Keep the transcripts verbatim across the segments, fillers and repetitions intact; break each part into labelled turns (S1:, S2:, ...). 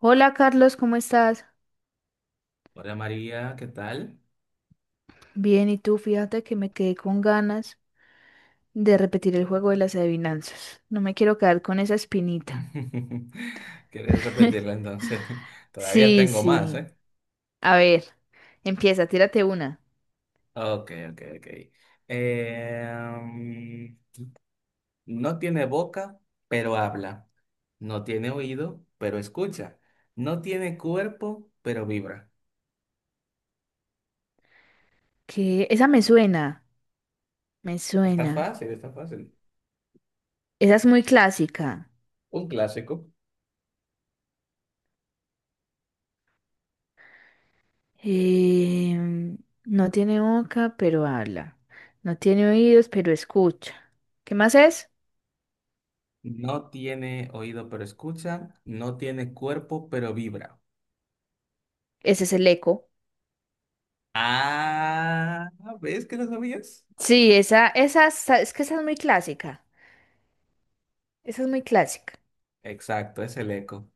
S1: Hola Carlos, ¿cómo estás?
S2: Hola María, ¿qué tal?
S1: Bien, ¿y tú? Fíjate que me quedé con ganas de repetir el juego de las adivinanzas. No me quiero quedar con esa espinita.
S2: ¿Quieres repetirla entonces? Todavía
S1: Sí,
S2: tengo más,
S1: sí.
S2: ¿eh?
S1: A ver, empieza, tírate una.
S2: Ok, ok, ok. Em, no tiene boca, pero habla. No tiene oído, pero escucha. No tiene cuerpo, pero vibra.
S1: Que esa me suena, me
S2: Está
S1: suena.
S2: fácil, está fácil.
S1: Esa es muy clásica.
S2: Un clásico.
S1: Em, no tiene boca, pero habla. No tiene oídos, pero escucha. ¿Qué más es?
S2: No tiene oído, pero escucha. No tiene cuerpo, pero vibra.
S1: Ese es el eco.
S2: Ah, ¿ves que lo sabías?
S1: Sí, esa, esa, es es que esa es muy clásica. Esa es muy clásica.
S2: Exacto, es el eco.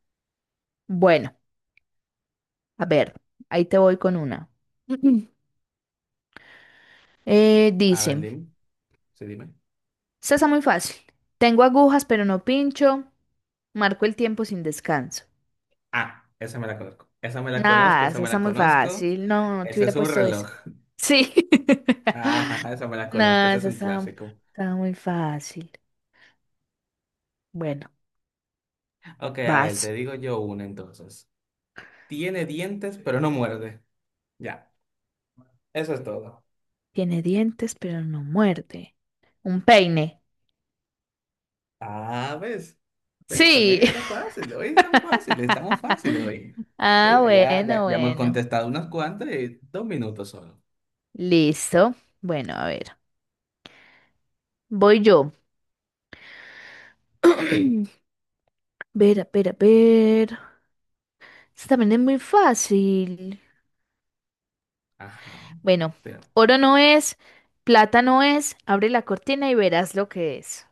S1: Bueno. A ver, ahí te voy con una. Eh,
S2: A ver,
S1: dice,
S2: dime. Sí, dime.
S1: esta está muy fácil. Tengo agujas pero no pincho, marco el tiempo sin descanso.
S2: Ah, esa me la conozco. Esa me la conozco,
S1: Nada,
S2: esa
S1: esa
S2: me
S1: está
S2: la
S1: muy
S2: conozco.
S1: fácil. No, no no te
S2: Ese
S1: hubiera
S2: es un
S1: puesto eso.
S2: reloj.
S1: Sí.
S2: Ah, esa me la conozco,
S1: Nada,
S2: ese es
S1: esa
S2: un
S1: está,
S2: clásico.
S1: está muy fácil. Bueno,
S2: Ok, a ver, te
S1: vas.
S2: digo yo una entonces. Tiene dientes, pero no muerde. Ya, eso es todo.
S1: Tiene dientes pero no muerde. Un peine.
S2: Ah, ¿ves? ¿Ves?
S1: Sí.
S2: También está fácil. Hoy es tan fácil, estamos fáciles hoy.
S1: Ah,
S2: Mira, ya, ya,
S1: bueno,
S2: ya hemos
S1: bueno.
S2: contestado unas cuantas y dos minutos solo.
S1: Listo. Bueno, a ver. Voy yo. Ver, a ver, a ver. Esta también es muy fácil.
S2: Ajá.
S1: Bueno,
S2: Pero,
S1: oro no es, plata no es. Abre la cortina y verás lo que es.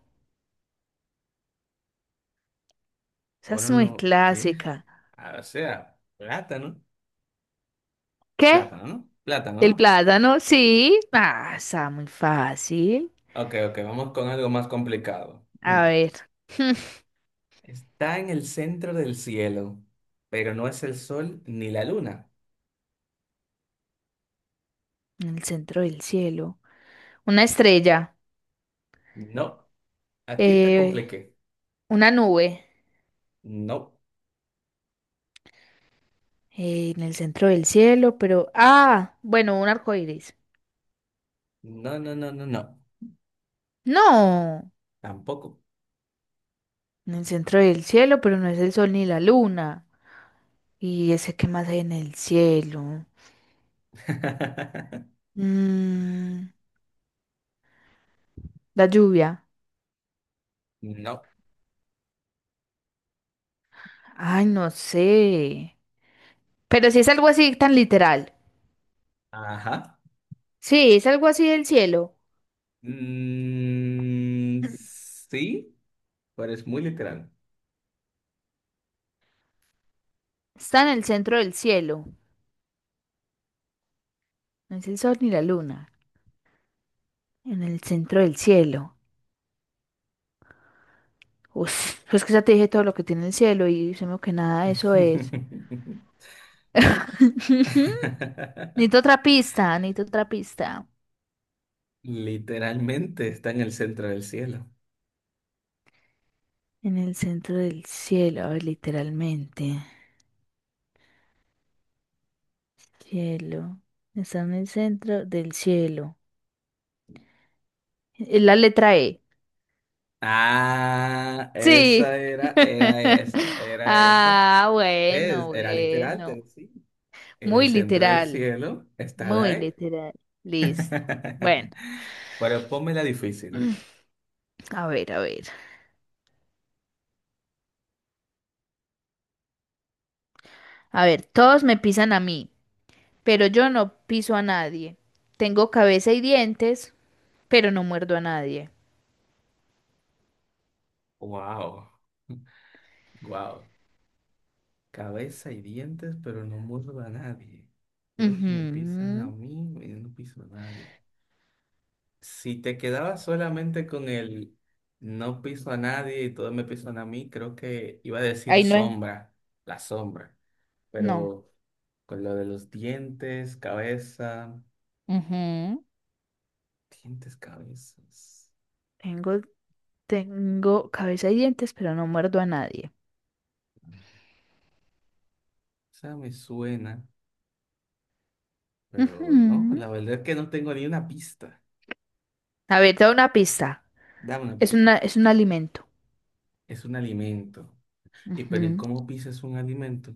S1: Esa
S2: ahora
S1: es muy
S2: no, ¿qué?
S1: clásica.
S2: Ah, o sea, plátano.
S1: ¿Qué?
S2: Plátano, ¿no? Plátano,
S1: ¿El
S2: ¿no?
S1: plátano? Sí. Ah, está muy fácil.
S2: Ok, ok, vamos con algo más complicado.
S1: A
S2: Hmm.
S1: ver,
S2: Está en el centro del cielo, pero no es el sol ni la luna.
S1: en el centro del cielo. Una estrella.
S2: No, aquí te
S1: eh,
S2: compliqué.
S1: una nube.
S2: No,
S1: Eh, en el centro del cielo, pero. Ah, bueno, un arco iris.
S2: no, no, no, no, no.
S1: No.
S2: Tampoco.
S1: En el centro del cielo, pero no es el sol ni la luna. ¿Y ese qué más hay en el cielo? Mm, la lluvia.
S2: No.
S1: Ay, no sé. Pero si es algo así tan literal.
S2: Ajá.
S1: Sí, es algo así del cielo.
S2: Mm, sí, pero es muy literal.
S1: Está en el centro del cielo. No es el sol ni la luna. En el centro del cielo. Uf, es que ya te dije todo lo que tiene el cielo y se me que nada eso es. Necesito otra pista, necesito otra pista.
S2: Literalmente está en el centro del cielo.
S1: En el centro del cielo, a ver, literalmente. Cielo. Está en el centro del cielo. Es la letra E.
S2: Ah,
S1: Sí.
S2: esa era, era esa, era esa.
S1: Ah, bueno,
S2: ¿Ves? Era literal, pero
S1: bueno.
S2: sí. En el
S1: Muy
S2: centro del
S1: literal,
S2: cielo está la
S1: muy
S2: E.
S1: literal. Listo. Bueno,
S2: Pero pónmela difícil.
S1: a ver, a ver. A ver, todos me pisan a mí, pero yo no piso a nadie. Tengo cabeza y dientes, pero no muerdo a nadie.
S2: Wow. Wow. Cabeza y dientes, pero no muerdo a nadie. Todos me pisan a
S1: Ujú.
S2: mí y yo no piso a nadie. Si te quedabas solamente con el no piso a nadie y todos me pisan a mí, creo que iba a decir
S1: Ahí no es.
S2: sombra, la sombra.
S1: No.
S2: Pero con lo de los dientes, cabeza,
S1: Ujú.
S2: dientes, cabezas.
S1: Tengo, tengo cabeza y dientes, pero no muerdo a nadie.
S2: Esa me suena, pero no,
S1: Ujú.
S2: la verdad es que no tengo ni una pista.
S1: A ver, te doy una pista.
S2: Dame una
S1: Es
S2: pista.
S1: una, es un alimento.
S2: Es un alimento. ¿Y pero ¿y
S1: Ujú.
S2: cómo pisas un alimento?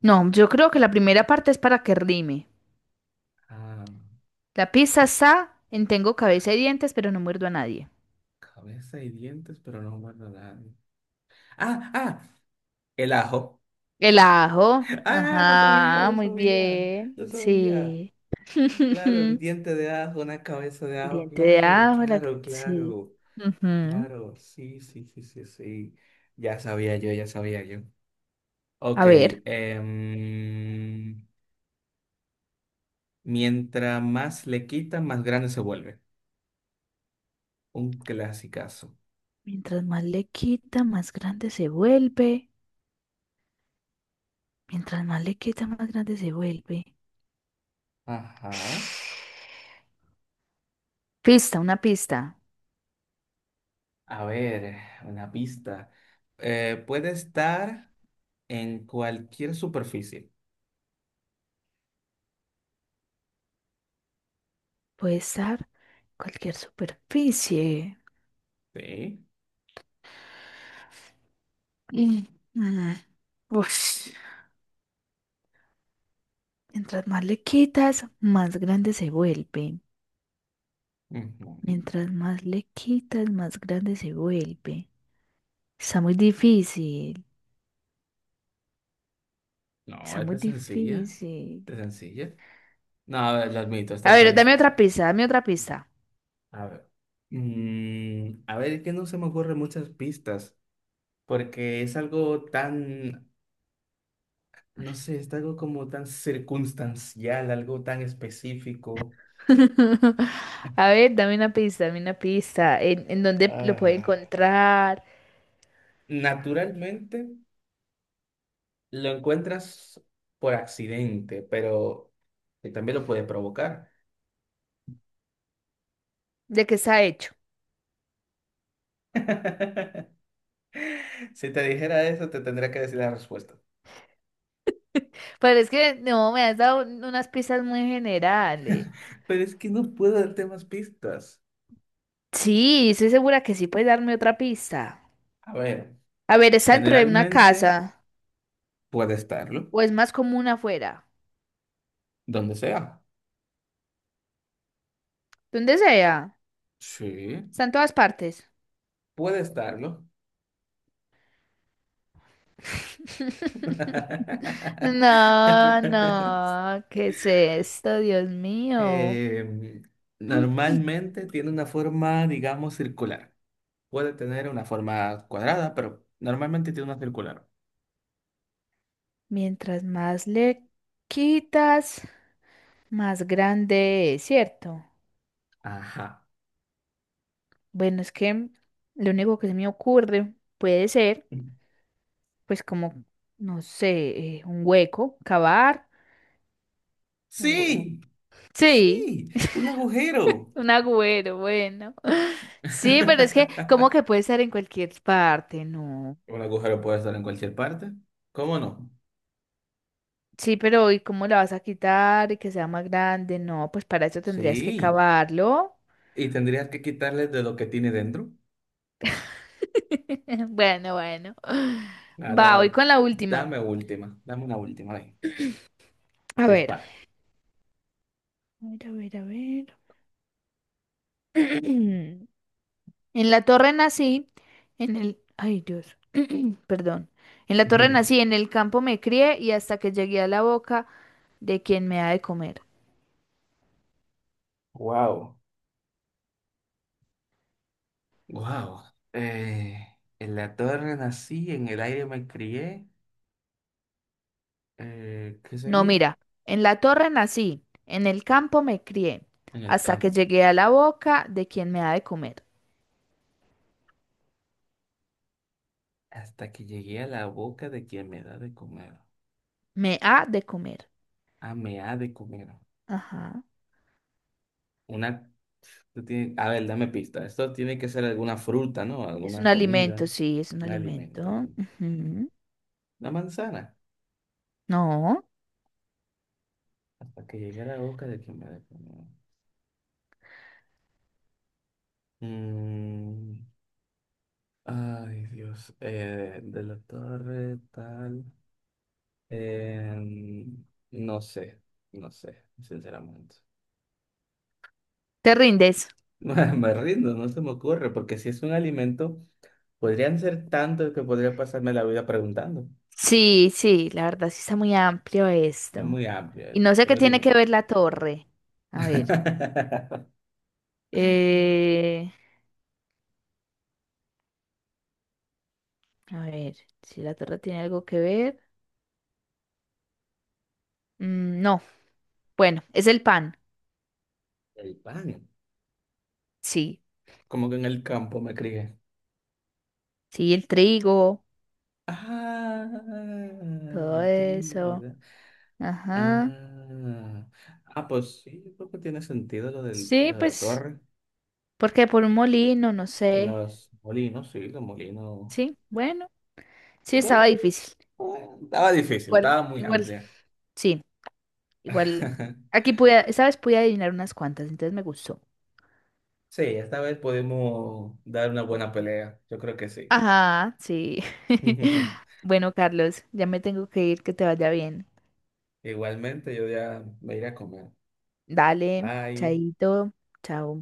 S1: No, yo creo que la primera parte es para que rime.
S2: Ah,
S1: La pizza está en tengo cabeza y dientes, pero no muerdo a nadie.
S2: cabeza y dientes, pero no muerde a nadie. Ah, ah, el ajo.
S1: El ajo.
S2: Ah, no sabía,
S1: Ajá,
S2: no
S1: muy
S2: sabía,
S1: bien.
S2: no sabía.
S1: Sí.
S2: Claro, el diente de ajo, una cabeza de ajo.
S1: Diente de
S2: Claro,
S1: ajo. la-
S2: claro,
S1: Sí.
S2: claro,
S1: Ujú.
S2: claro. Sí, sí, sí, sí, sí. Ya sabía yo, ya sabía yo. Ok,
S1: A ver.
S2: em, mientras más le quitan, más grande se vuelve. Un clasicazo.
S1: Mientras más le quita, más grande se vuelve. Mientras más le quita, más grande se vuelve.
S2: Ajá.
S1: Pista, una pista.
S2: A ver, una pista. Eh, puede estar en cualquier superficie.
S1: Puede estar cualquier superficie.
S2: Sí.
S1: Mm, mm, ush. Mientras más le quitas, más grande se vuelve.
S2: Ujú.
S1: Mientras más le quitas, más grande se vuelve. Está muy difícil.
S2: No,
S1: Está
S2: esta
S1: muy
S2: es sencilla.
S1: difícil.
S2: Esta es sencilla. No, a ver, lo admito, esta
S1: A ver,
S2: está
S1: dame otra
S2: difícil.
S1: pista, dame otra pista.
S2: A ver. Mm, a ver, es que no se me ocurren muchas pistas, porque es algo tan, no sé, es algo como tan circunstancial, algo tan específico.
S1: A ver, dame una pista, dame una pista. ¿En, en dónde lo puedo
S2: Ah,
S1: encontrar?
S2: naturalmente lo encuentras por accidente, pero que también lo puede provocar.
S1: ¿De qué está hecho?
S2: Si te dijera eso, te tendría que decir la respuesta.
S1: Pero es que no, me has dado un- unas pistas muy generales.
S2: Pero es que no puedo darte más pistas.
S1: Sí, estoy segura que sí puedes darme otra pista.
S2: A ver,
S1: A ver, ¿está dentro de una
S2: generalmente
S1: casa
S2: puede estarlo,
S1: o es más común afuera?
S2: donde sea.
S1: Donde sea,
S2: Sí.
S1: está en todas partes.
S2: Puede estarlo.
S1: No, no, ¿qué es esto, Dios mío?
S2: Em,
S1: Mm.
S2: Normalmente tiene una forma, digamos, circular. Puede tener una forma cuadrada, pero normalmente tiene una circular.
S1: Mientras más le quitas, más grande es, ¿cierto?
S2: Ajá.
S1: Bueno, es que lo único que se me ocurre puede ser. Pues como, no sé, eh, un hueco, cavar. un hue- un-
S2: Sí,
S1: Sí,
S2: sí, un agujero.
S1: un agüero, bueno. Sí, pero es que, ¿cómo que puede ser en cualquier parte? No.
S2: Un agujero puede estar en cualquier parte. ¿Cómo no?
S1: Sí, pero ¿y cómo la vas a quitar y que sea más grande? No, pues para eso tendrías que
S2: Sí,
S1: cavarlo.
S2: y tendrías que quitarles de lo que tiene dentro.
S1: Bueno, bueno.
S2: Claro, a
S1: Va, voy
S2: ver,
S1: con la última.
S2: dame última, dame una última, ven,
S1: A ver.
S2: dispara.
S1: A ver, a ver, a ver. En la Torre nací, en el... Ay, Dios, perdón. En la Torre nací, en el campo me crié y hasta que llegué a la boca de quien me ha de comer.
S2: Wow. Wow. En la torre nací, en el aire me crié. Eh, ¿qué
S1: No,
S2: seguir?
S1: mira, en la Torre nací, en el campo me crié,
S2: En el
S1: hasta que
S2: campo.
S1: llegué a la boca de quien me ha de comer.
S2: Hasta que llegué a la boca de quien me da de comer.
S1: Me ha de comer.
S2: Ah, me ha de comer.
S1: Ajá.
S2: Una. Tú tienes- a ver, dame pista. Esto tiene que ser alguna fruta, ¿no?
S1: Es un
S2: Alguna comida,
S1: alimento, sí, es un
S2: un alimento. Ok.
S1: alimento. Ujú.
S2: Una manzana.
S1: No,
S2: Hasta que llegué a la boca de quien me la comió. Mm, ay, Dios. Eh, de la torre, tal. Em, no sé, no sé, sinceramente.
S1: te rindes.
S2: Me rindo, no se me ocurre, porque si es un alimento, podrían ser tantos que podría pasarme la vida preguntando.
S1: Sí, sí, la verdad sí está muy amplio
S2: Es
S1: esto.
S2: muy amplio
S1: Y no
S2: esto,
S1: sé qué
S2: pero
S1: tiene
S2: dime.
S1: que ver la torre. A ver. eh, a ver, si la torre tiene algo que ver. Mm, no, bueno, es el pan.
S2: El pan.
S1: Sí,
S2: Como que en el campo me crié.
S1: sí, el trigo,
S2: Ah,
S1: todo
S2: el
S1: eso.
S2: trigo.
S1: Ajá.
S2: Ah, ah, pues sí, yo creo que tiene sentido lo del,
S1: Sí,
S2: lo de la
S1: pues,
S2: torre,
S1: porque por un molino, no sé.
S2: los molinos, sí, los molinos.
S1: Sí, bueno, sí
S2: Bueno,
S1: estaba difícil.
S2: bueno, estaba difícil,
S1: Igual,
S2: estaba muy
S1: igual,
S2: amplia.
S1: sí, igual. Aquí pude, esta vez pude adivinar unas cuantas, entonces me gustó.
S2: Sí, esta vez pudimos dar una buena pelea, yo creo que sí.
S1: Ajá, sí. Bueno, Carlos, ya me tengo que ir, que te vaya bien.
S2: Igualmente, yo ya me iré a comer.
S1: Dale,
S2: Bye.
S1: chaito, chao.